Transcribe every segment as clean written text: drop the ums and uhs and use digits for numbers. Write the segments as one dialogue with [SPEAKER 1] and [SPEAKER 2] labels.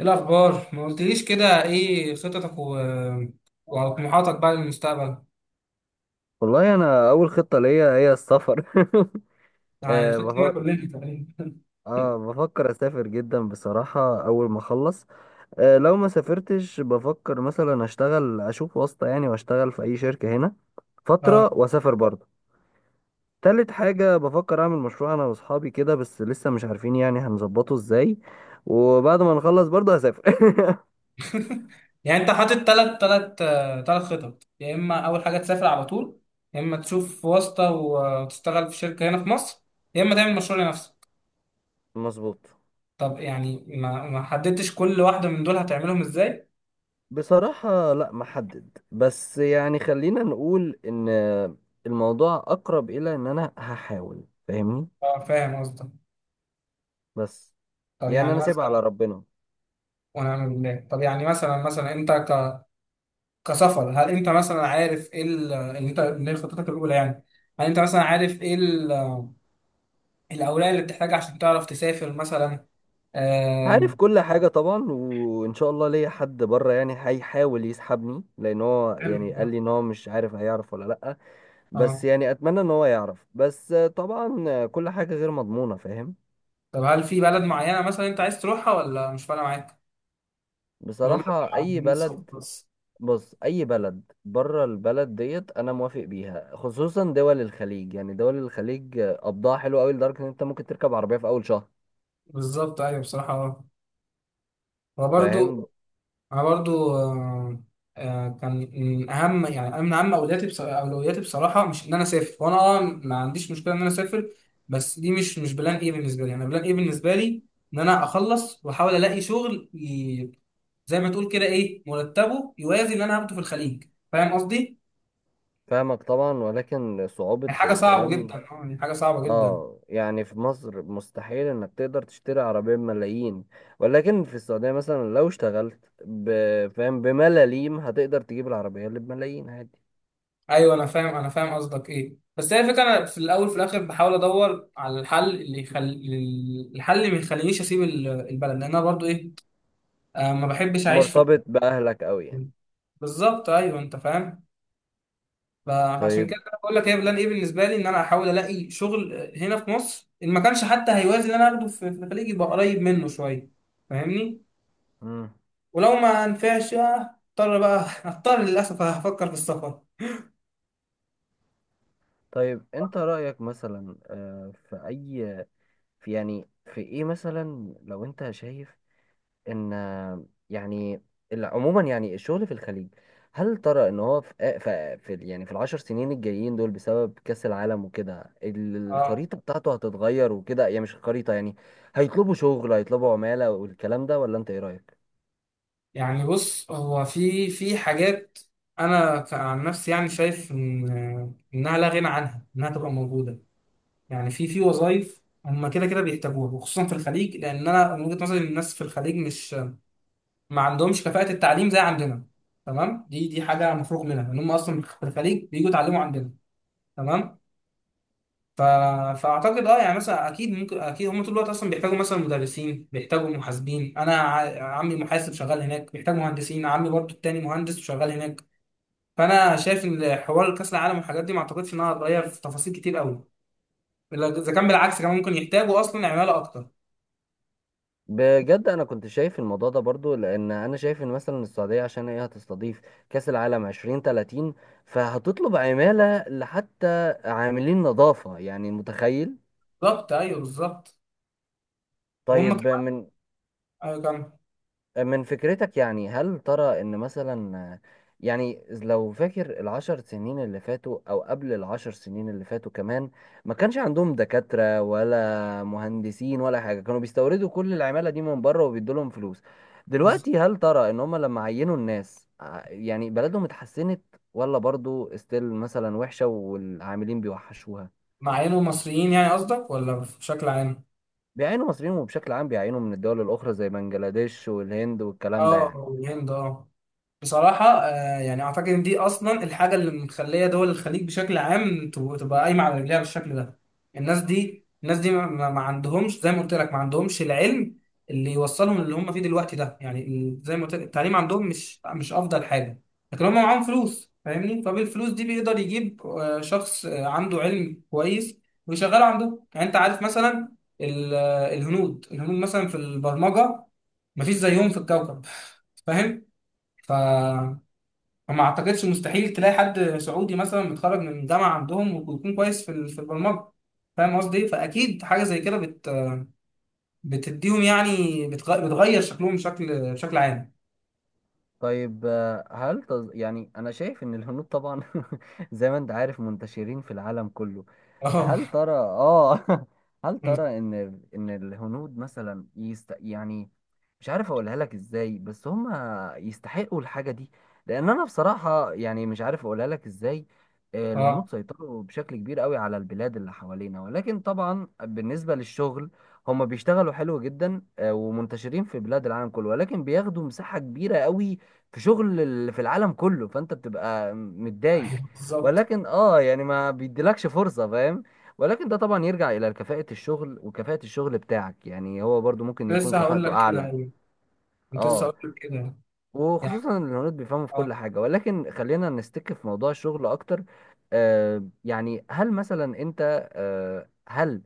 [SPEAKER 1] ايه الاخبار؟ ما قلتليش كده ايه خططك وطموحاتك بقى للمستقبل.
[SPEAKER 2] والله انا اول خطه ليا هي السفر.
[SPEAKER 1] يعني
[SPEAKER 2] آه،
[SPEAKER 1] خطتنا
[SPEAKER 2] بف...
[SPEAKER 1] كلنا تقريبا.
[SPEAKER 2] اه بفكر اسافر جدا بصراحه اول ما اخلص. لو ما سافرتش بفكر مثلا اشتغل، اشوف واسطه يعني واشتغل في اي شركه هنا
[SPEAKER 1] اه.
[SPEAKER 2] فتره واسافر برضه. تالت حاجه بفكر اعمل مشروع انا واصحابي كده، بس لسه مش عارفين يعني هنظبطه ازاي. وبعد ما نخلص برضه هسافر.
[SPEAKER 1] يعني انت حاطط ثلاث خطط، يا اما اول حاجه تسافر على طول، يا اما تشوف واسطه وتشتغل في شركه هنا في مصر، يا اما تعمل مشروع لنفسك.
[SPEAKER 2] مظبوط.
[SPEAKER 1] طب يعني ما حددتش كل واحده من دول هتعملهم ازاي؟
[SPEAKER 2] بصراحة لا محدد، بس يعني خلينا نقول ان الموضوع اقرب الى ان انا هحاول، فاهمني.
[SPEAKER 1] اه، فاهم قصدك.
[SPEAKER 2] بس
[SPEAKER 1] طب
[SPEAKER 2] يعني
[SPEAKER 1] يعني
[SPEAKER 2] انا سايبها على
[SPEAKER 1] مثلا.
[SPEAKER 2] ربنا.
[SPEAKER 1] ونعم بالله. طب يعني مثلا انت كسفر، هل انت مثلا عارف ايه اللي هي خطتك الاولى يعني؟ هل انت مثلا عارف ايه الاوراق اللي بتحتاجها عشان تعرف تسافر مثلا؟
[SPEAKER 2] عارف
[SPEAKER 1] آم،
[SPEAKER 2] كل حاجة طبعا، وان شاء الله ليا حد بره يعني هيحاول يسحبني، لان هو
[SPEAKER 1] حلو.
[SPEAKER 2] يعني
[SPEAKER 1] ده.
[SPEAKER 2] قال لي ان هو مش عارف هيعرف ولا لا. بس
[SPEAKER 1] اه.
[SPEAKER 2] يعني اتمنى ان هو يعرف، بس طبعا كل حاجة غير مضمونة، فاهم.
[SPEAKER 1] طب هل في بلد معينه مثلا انت عايز تروحها ولا مش فارقه معاك؟ المهم إنك تبقى
[SPEAKER 2] بصراحة اي
[SPEAKER 1] عاملين صوت
[SPEAKER 2] بلد.
[SPEAKER 1] بس.
[SPEAKER 2] بص، اي بلد بره البلد ديت انا موافق بيها، خصوصا دول الخليج. يعني دول الخليج قبضها حلو قوي، لدرجه ان انت ممكن تركب عربيه في اول شهر،
[SPEAKER 1] بالظبط، ايوه، بصراحه، اه.
[SPEAKER 2] فاهم.
[SPEAKER 1] وبرده. انا برضو كان من اهم، يعني من اهم اولوياتي اولوياتي بصراحه، مش ان انا اسافر، وانا ما عنديش مشكله ان انا اسافر. بس دي مش بلان ايه بالنسبه لي، انا بلان ايه بالنسبه لي ان انا اخلص واحاول الاقي شغل زي ما تقول كده ايه، مرتبه يوازي اللي انا هاخده في الخليج. فاهم قصدي؟
[SPEAKER 2] فاهمك طبعا، ولكن صعوبه
[SPEAKER 1] يعني حاجه صعبه جدا،
[SPEAKER 2] الكلام.
[SPEAKER 1] يعني حاجه صعبه جدا.
[SPEAKER 2] اه يعني في مصر مستحيل انك تقدر تشتري عربيه بملايين، ولكن في السعوديه مثلا لو اشتغلت فاهم، بملاليم هتقدر تجيب العربيه اللي بملايين عادي.
[SPEAKER 1] ايوه، انا فاهم قصدك ايه، بس هي الفكره، انا في الاول في الاخر بحاول ادور على الحل اللي الحل اللي ما يخلينيش اسيب البلد، لان انا برضو ايه، ما بحبش اعيش في.
[SPEAKER 2] مرتبط باهلك قوي يعني.
[SPEAKER 1] بالظبط، ايوه، انت فاهم. فعشان كده
[SPEAKER 2] طيب.
[SPEAKER 1] انا بقول لك هي بلان ايه بالنسبه لي، ان انا احاول الاقي شغل هنا في مصر، ان ما كانش حتى هيوازي اللي انا اخده في الخليج، يبقى قريب منه شويه. فاهمني؟
[SPEAKER 2] مم.
[SPEAKER 1] ولو ما نفعش، اضطر بقى اضطر للاسف هفكر في السفر.
[SPEAKER 2] طيب انت رأيك مثلا، في اي، في يعني في ايه، مثلا لو انت شايف ان يعني عموما يعني الشغل في الخليج، هل ترى ان هو في يعني في العشر سنين الجايين دول، بسبب كأس العالم وكده،
[SPEAKER 1] اه،
[SPEAKER 2] الخريطة بتاعته هتتغير وكده، يعني مش الخريطة، يعني هيطلبوا شغل، هيطلبوا عمالة والكلام ده، ولا انت ايه رأيك؟
[SPEAKER 1] يعني بص، هو في حاجات، انا عن نفسي يعني شايف ان انها لا غنى عنها، انها تبقى موجوده. يعني في وظائف هم كده كده بيحتاجوها، وخصوصا في الخليج، لان انا من وجهة نظري إن الناس في الخليج مش. ما عندهمش كفاءة التعليم زي عندنا. تمام، دي حاجة مفروغ منها ان هم اصلا في الخليج بييجوا يتعلموا عندنا. تمام. ف... فاعتقد يعني مثلا اكيد ممكن، اكيد هم طول الوقت اصلا بيحتاجوا مثلا مدرسين، بيحتاجوا محاسبين، انا عمي محاسب شغال هناك، بيحتاج مهندسين. عمي برضو التاني مهندس وشغال هناك. فانا شايف ان حوار كاس العالم والحاجات دي ما اعتقدش انها هتغير في تفاصيل كتير قوي، الا اذا كان بالعكس، كمان ممكن يحتاجوا اصلا عماله اكتر.
[SPEAKER 2] بجد انا كنت شايف الموضوع ده برضو، لان انا شايف ان مثلا السعوديه عشان هي هتستضيف كاس العالم 2030، فهتطلب عماله لحتى عاملين نظافه، يعني متخيل.
[SPEAKER 1] بالظبط، ايوه، بالظبط. وهم
[SPEAKER 2] طيب،
[SPEAKER 1] كمان.
[SPEAKER 2] من
[SPEAKER 1] ايوه كمان.
[SPEAKER 2] من فكرتك، يعني هل ترى ان مثلا، يعني لو فاكر العشر سنين اللي فاتوا او قبل العشر سنين اللي فاتوا كمان، ما كانش عندهم دكاترة ولا مهندسين ولا حاجة، كانوا بيستوردوا كل العمالة دي من بره وبيدوا لهم فلوس.
[SPEAKER 1] بالظبط.
[SPEAKER 2] دلوقتي هل ترى ان هم لما عينوا الناس يعني بلدهم اتحسنت، ولا برضو استيل مثلا وحشة والعاملين بيوحشوها؟
[SPEAKER 1] مع انه مصريين يعني قصدك؟ ولا بشكل عام؟
[SPEAKER 2] بيعينوا مصريين، وبشكل عام بيعينوا من الدول الاخرى زي بنجلاديش والهند والكلام ده يعني.
[SPEAKER 1] اه، الهند، اه. بصراحة، يعني أعتقد إن دي أصلا الحاجة اللي مخلية دول الخليج بشكل عام تبقى قايمة على رجليها بالشكل ده. الناس دي ما عندهمش، زي ما قلت لك، ما عندهمش العلم اللي يوصلهم اللي هم فيه دلوقتي ده، يعني زي ما قلت لك التعليم عندهم مش أفضل حاجة. لكن هم معاهم فلوس، فاهمني؟ فبالفلوس دي بيقدر يجيب شخص عنده علم كويس، ويشغله عندهم. يعني أنت عارف مثلا الهنود مثلا في البرمجة، مفيش زيهم في الكوكب، فاهم؟ ف فما اعتقدش، مستحيل تلاقي حد سعودي مثلا متخرج من جامعه عندهم ويكون كويس في البرمجه. فاهم قصدي؟ فاكيد حاجه زي كده بتديهم يعني، بتغير شكلهم بشكل عام.
[SPEAKER 2] طيب، يعني أنا شايف إن الهنود طبعا زي ما أنت عارف منتشرين في العالم كله. هل
[SPEAKER 1] اه.
[SPEAKER 2] ترى، هل ترى إن الهنود مثلا يعني مش عارف أقولها لك إزاي، بس هم يستحقوا الحاجة دي، لأن أنا بصراحة يعني مش عارف أقولها لك إزاي.
[SPEAKER 1] اه.
[SPEAKER 2] الهنود سيطروا بشكل كبير قوي على البلاد اللي حوالينا، ولكن طبعا بالنسبة للشغل هم بيشتغلوا حلو جدا، ومنتشرين في بلاد العالم كله، ولكن بياخدوا مساحة كبيرة قوي في شغل في العالم كله، فانت بتبقى متضايق.
[SPEAKER 1] أيوة، بالظبط.
[SPEAKER 2] ولكن يعني ما بيديلكش فرصة، فاهم. ولكن ده طبعا يرجع الى كفاءة الشغل، وكفاءة الشغل بتاعك يعني هو برضو ممكن يكون
[SPEAKER 1] لسه هقول
[SPEAKER 2] كفاءته
[SPEAKER 1] لك كده،
[SPEAKER 2] اعلى.
[SPEAKER 1] ايوه. كنت لسه
[SPEAKER 2] اه
[SPEAKER 1] هقول لك كده. يعني
[SPEAKER 2] وخصوصا إن الهنود بيفهموا في كل
[SPEAKER 1] اه.
[SPEAKER 2] حاجة، ولكن خلينا نستك في موضوع الشغل اكتر. يعني هل مثلا انت، هل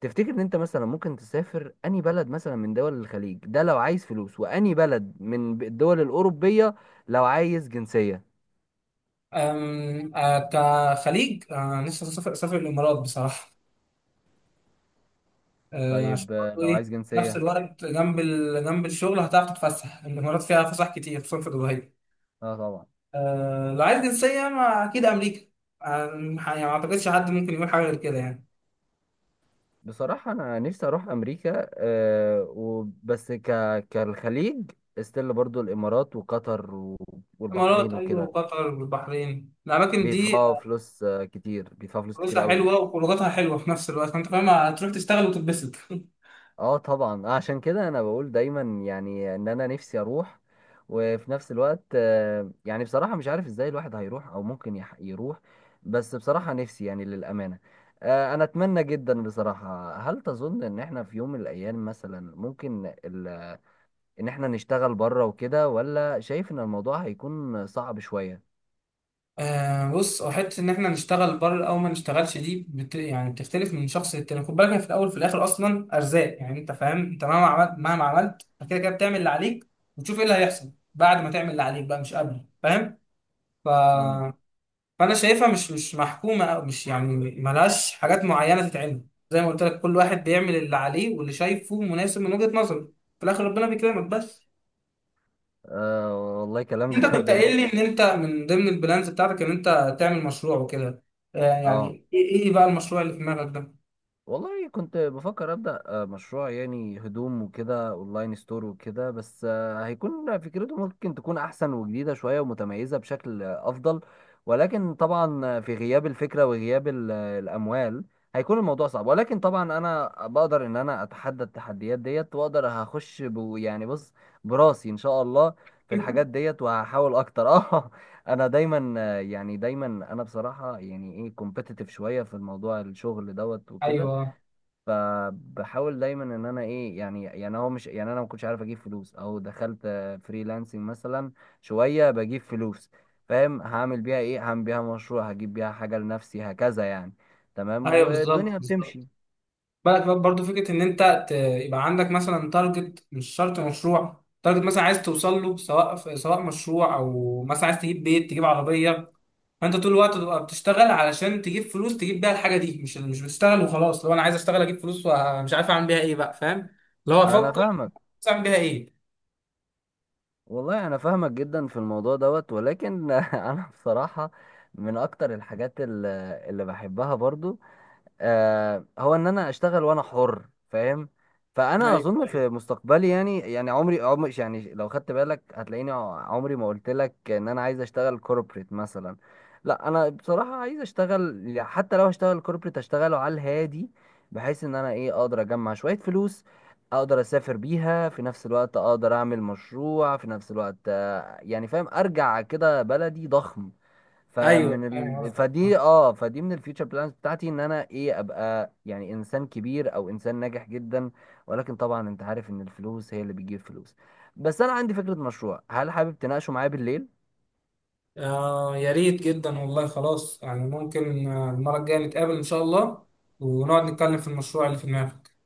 [SPEAKER 2] تفتكر ان انت مثلا ممكن تسافر اني بلد مثلا من دول الخليج ده لو عايز فلوس، واني بلد من الدول الاوروبية لو عايز جنسية.
[SPEAKER 1] أم، آه، كخليج، لسه سافر الامارات بصراحه، عشان
[SPEAKER 2] طيب،
[SPEAKER 1] برضه
[SPEAKER 2] لو
[SPEAKER 1] ايه،
[SPEAKER 2] عايز
[SPEAKER 1] نفس
[SPEAKER 2] جنسية.
[SPEAKER 1] الوقت جنب جنب الشغل هتعرف تتفسح. الامارات فيها فسح كتير، خصوصا في دبي.
[SPEAKER 2] اه طبعا.
[SPEAKER 1] لو عايز جنسية، ما أكيد أمريكا. آه، يعني ما أعتقدش حد ممكن يقول حاجة غير كده يعني.
[SPEAKER 2] بصراحة أنا نفسي أروح أمريكا، وبس كالخليج استيل، برضو الإمارات وقطر
[SPEAKER 1] الإمارات،
[SPEAKER 2] والبحرين
[SPEAKER 1] أيوة،
[SPEAKER 2] وكده،
[SPEAKER 1] وقطر والبحرين، الأماكن دي
[SPEAKER 2] بيدفعوا فلوس كتير، بيدفعوا فلوس كتير
[SPEAKER 1] فلوسها
[SPEAKER 2] قوي.
[SPEAKER 1] حلوة وخروجاتها حلوة في نفس الوقت، فأنت فاهم، هتروح تشتغل وتتبسط.
[SPEAKER 2] اه طبعا، عشان كده انا بقول دايما، يعني ان انا نفسي اروح. وفي نفس الوقت يعني بصراحة مش عارف ازاي الواحد هيروح، او ممكن يروح. بس بصراحة نفسي يعني، للأمانة، انا اتمنى جدا بصراحة. هل تظن ان احنا في يوم من الايام مثلا ممكن ان احنا نشتغل بره وكده، ولا شايف ان الموضوع هيكون صعب شوية؟
[SPEAKER 1] آه، بص، هو حتة إن إحنا نشتغل بره أو ما نشتغلش دي يعني بتختلف من شخص للتاني. خد بالك، هي في الأول وفي الآخر أصلا أرزاق، يعني أنت فاهم، أنت مهما عملت مهما عملت أنت كده كده بتعمل اللي عليك، وتشوف إيه اللي هيحصل بعد ما تعمل اللي عليك بقى، مش قبل، فاهم؟
[SPEAKER 2] مم.
[SPEAKER 1] فانا شايفها مش محكومه، او مش يعني، ملهاش حاجات معينه تتعمل. زي ما قلت لك، كل واحد بيعمل اللي عليه واللي شايفه مناسب من وجهه نظره. في الاخر ربنا بيكرمك بس.
[SPEAKER 2] أه والله كلام
[SPEAKER 1] انت كنت قايل
[SPEAKER 2] جميل
[SPEAKER 1] لي
[SPEAKER 2] جدا.
[SPEAKER 1] ان انت من ضمن البلانز بتاعتك ان انت تعمل مشروع وكده، آه
[SPEAKER 2] اه
[SPEAKER 1] يعني ايه، إيه بقى المشروع اللي في دماغك ده؟
[SPEAKER 2] والله كنت بفكر أبدأ مشروع يعني هدوم وكده، أونلاين ستور وكده، بس هيكون فكرته ممكن تكون أحسن وجديدة شوية ومتميزة بشكل أفضل. ولكن طبعا في غياب الفكرة وغياب الأموال هيكون الموضوع صعب. ولكن طبعا أنا بقدر إن أنا أتحدى التحديات ديت، وأقدر هخش يعني بص، براسي إن شاء الله، في الحاجات ديت، وهحاول أكتر. أه. انا دايما، يعني دايما انا بصراحه يعني ايه، كومبيتيتيف شويه في الموضوع الشغل دوت وكده.
[SPEAKER 1] ايوه،
[SPEAKER 2] فبحاول دايما ان انا ايه، يعني هو مش، يعني انا ما كنتش عارف اجيب فلوس، او دخلت فريلانسنج مثلا شويه بجيب فلوس، فاهم. هعمل بيها ايه؟ هعمل بيها مشروع، هجيب بيها حاجه لنفسي، هكذا يعني. تمام،
[SPEAKER 1] ايوه، بالظبط،
[SPEAKER 2] والدنيا
[SPEAKER 1] بالظبط.
[SPEAKER 2] بتمشي.
[SPEAKER 1] بالك بقى برضه فكره ان انت يبقى عندك مثلا تارجت، مش شرط مشروع، تارجت مثلا عايز توصل له، سواء سواء مشروع، او مثلا عايز تجيب بيت، تجيب عربيه، فانت طول الوقت تبقى بتشتغل علشان تجيب فلوس، تجيب بيها الحاجه دي، مش بتشتغل وخلاص. لو انا عايز اشتغل اجيب فلوس ومش عارف اعمل بيها ايه بقى، فاهم؟ اللي هو
[SPEAKER 2] انا
[SPEAKER 1] افكر
[SPEAKER 2] فاهمك.
[SPEAKER 1] اعمل بيها ايه.
[SPEAKER 2] والله انا فاهمك جدا في الموضوع دوت، ولكن انا بصراحه من اكتر الحاجات اللي بحبها برضو، هو ان انا اشتغل وانا حر، فاهم. فانا
[SPEAKER 1] ايوه،
[SPEAKER 2] اظن
[SPEAKER 1] ايوه،
[SPEAKER 2] في مستقبلي، يعني عمري عمري، يعني لو خدت بالك هتلاقيني عمري ما قلت لك ان انا عايز اشتغل كوربريت مثلا. لا انا بصراحة عايز اشتغل، يعني حتى لو هشتغل كوربريت اشتغله على الهادي، بحيث ان انا ايه اقدر اجمع شوية فلوس، اقدر اسافر بيها في نفس الوقت، اقدر اعمل مشروع في نفس الوقت، يعني فاهم، ارجع كده بلدي ضخم.
[SPEAKER 1] ايوه،
[SPEAKER 2] فمن
[SPEAKER 1] يعني قصدك، اه.
[SPEAKER 2] فدي من الفيوتشر بلانز بتاعتي، ان انا ايه، ابقى يعني انسان كبير، او انسان ناجح جدا. ولكن طبعا انت عارف ان الفلوس هي اللي بتجيب فلوس. بس انا عندي فكرة مشروع، هل حابب تناقشه معايا بالليل؟
[SPEAKER 1] يا ريت جدا والله. خلاص، يعني ممكن المره الجايه نتقابل ان شاء الله، ونقعد نتكلم في المشروع اللي في دماغك.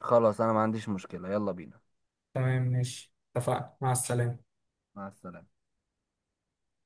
[SPEAKER 2] خلاص، انا ما عنديش مشكلة، يلا بينا.
[SPEAKER 1] تمام، ماشي، اتفقنا، مع السلامه.
[SPEAKER 2] مع السلامة.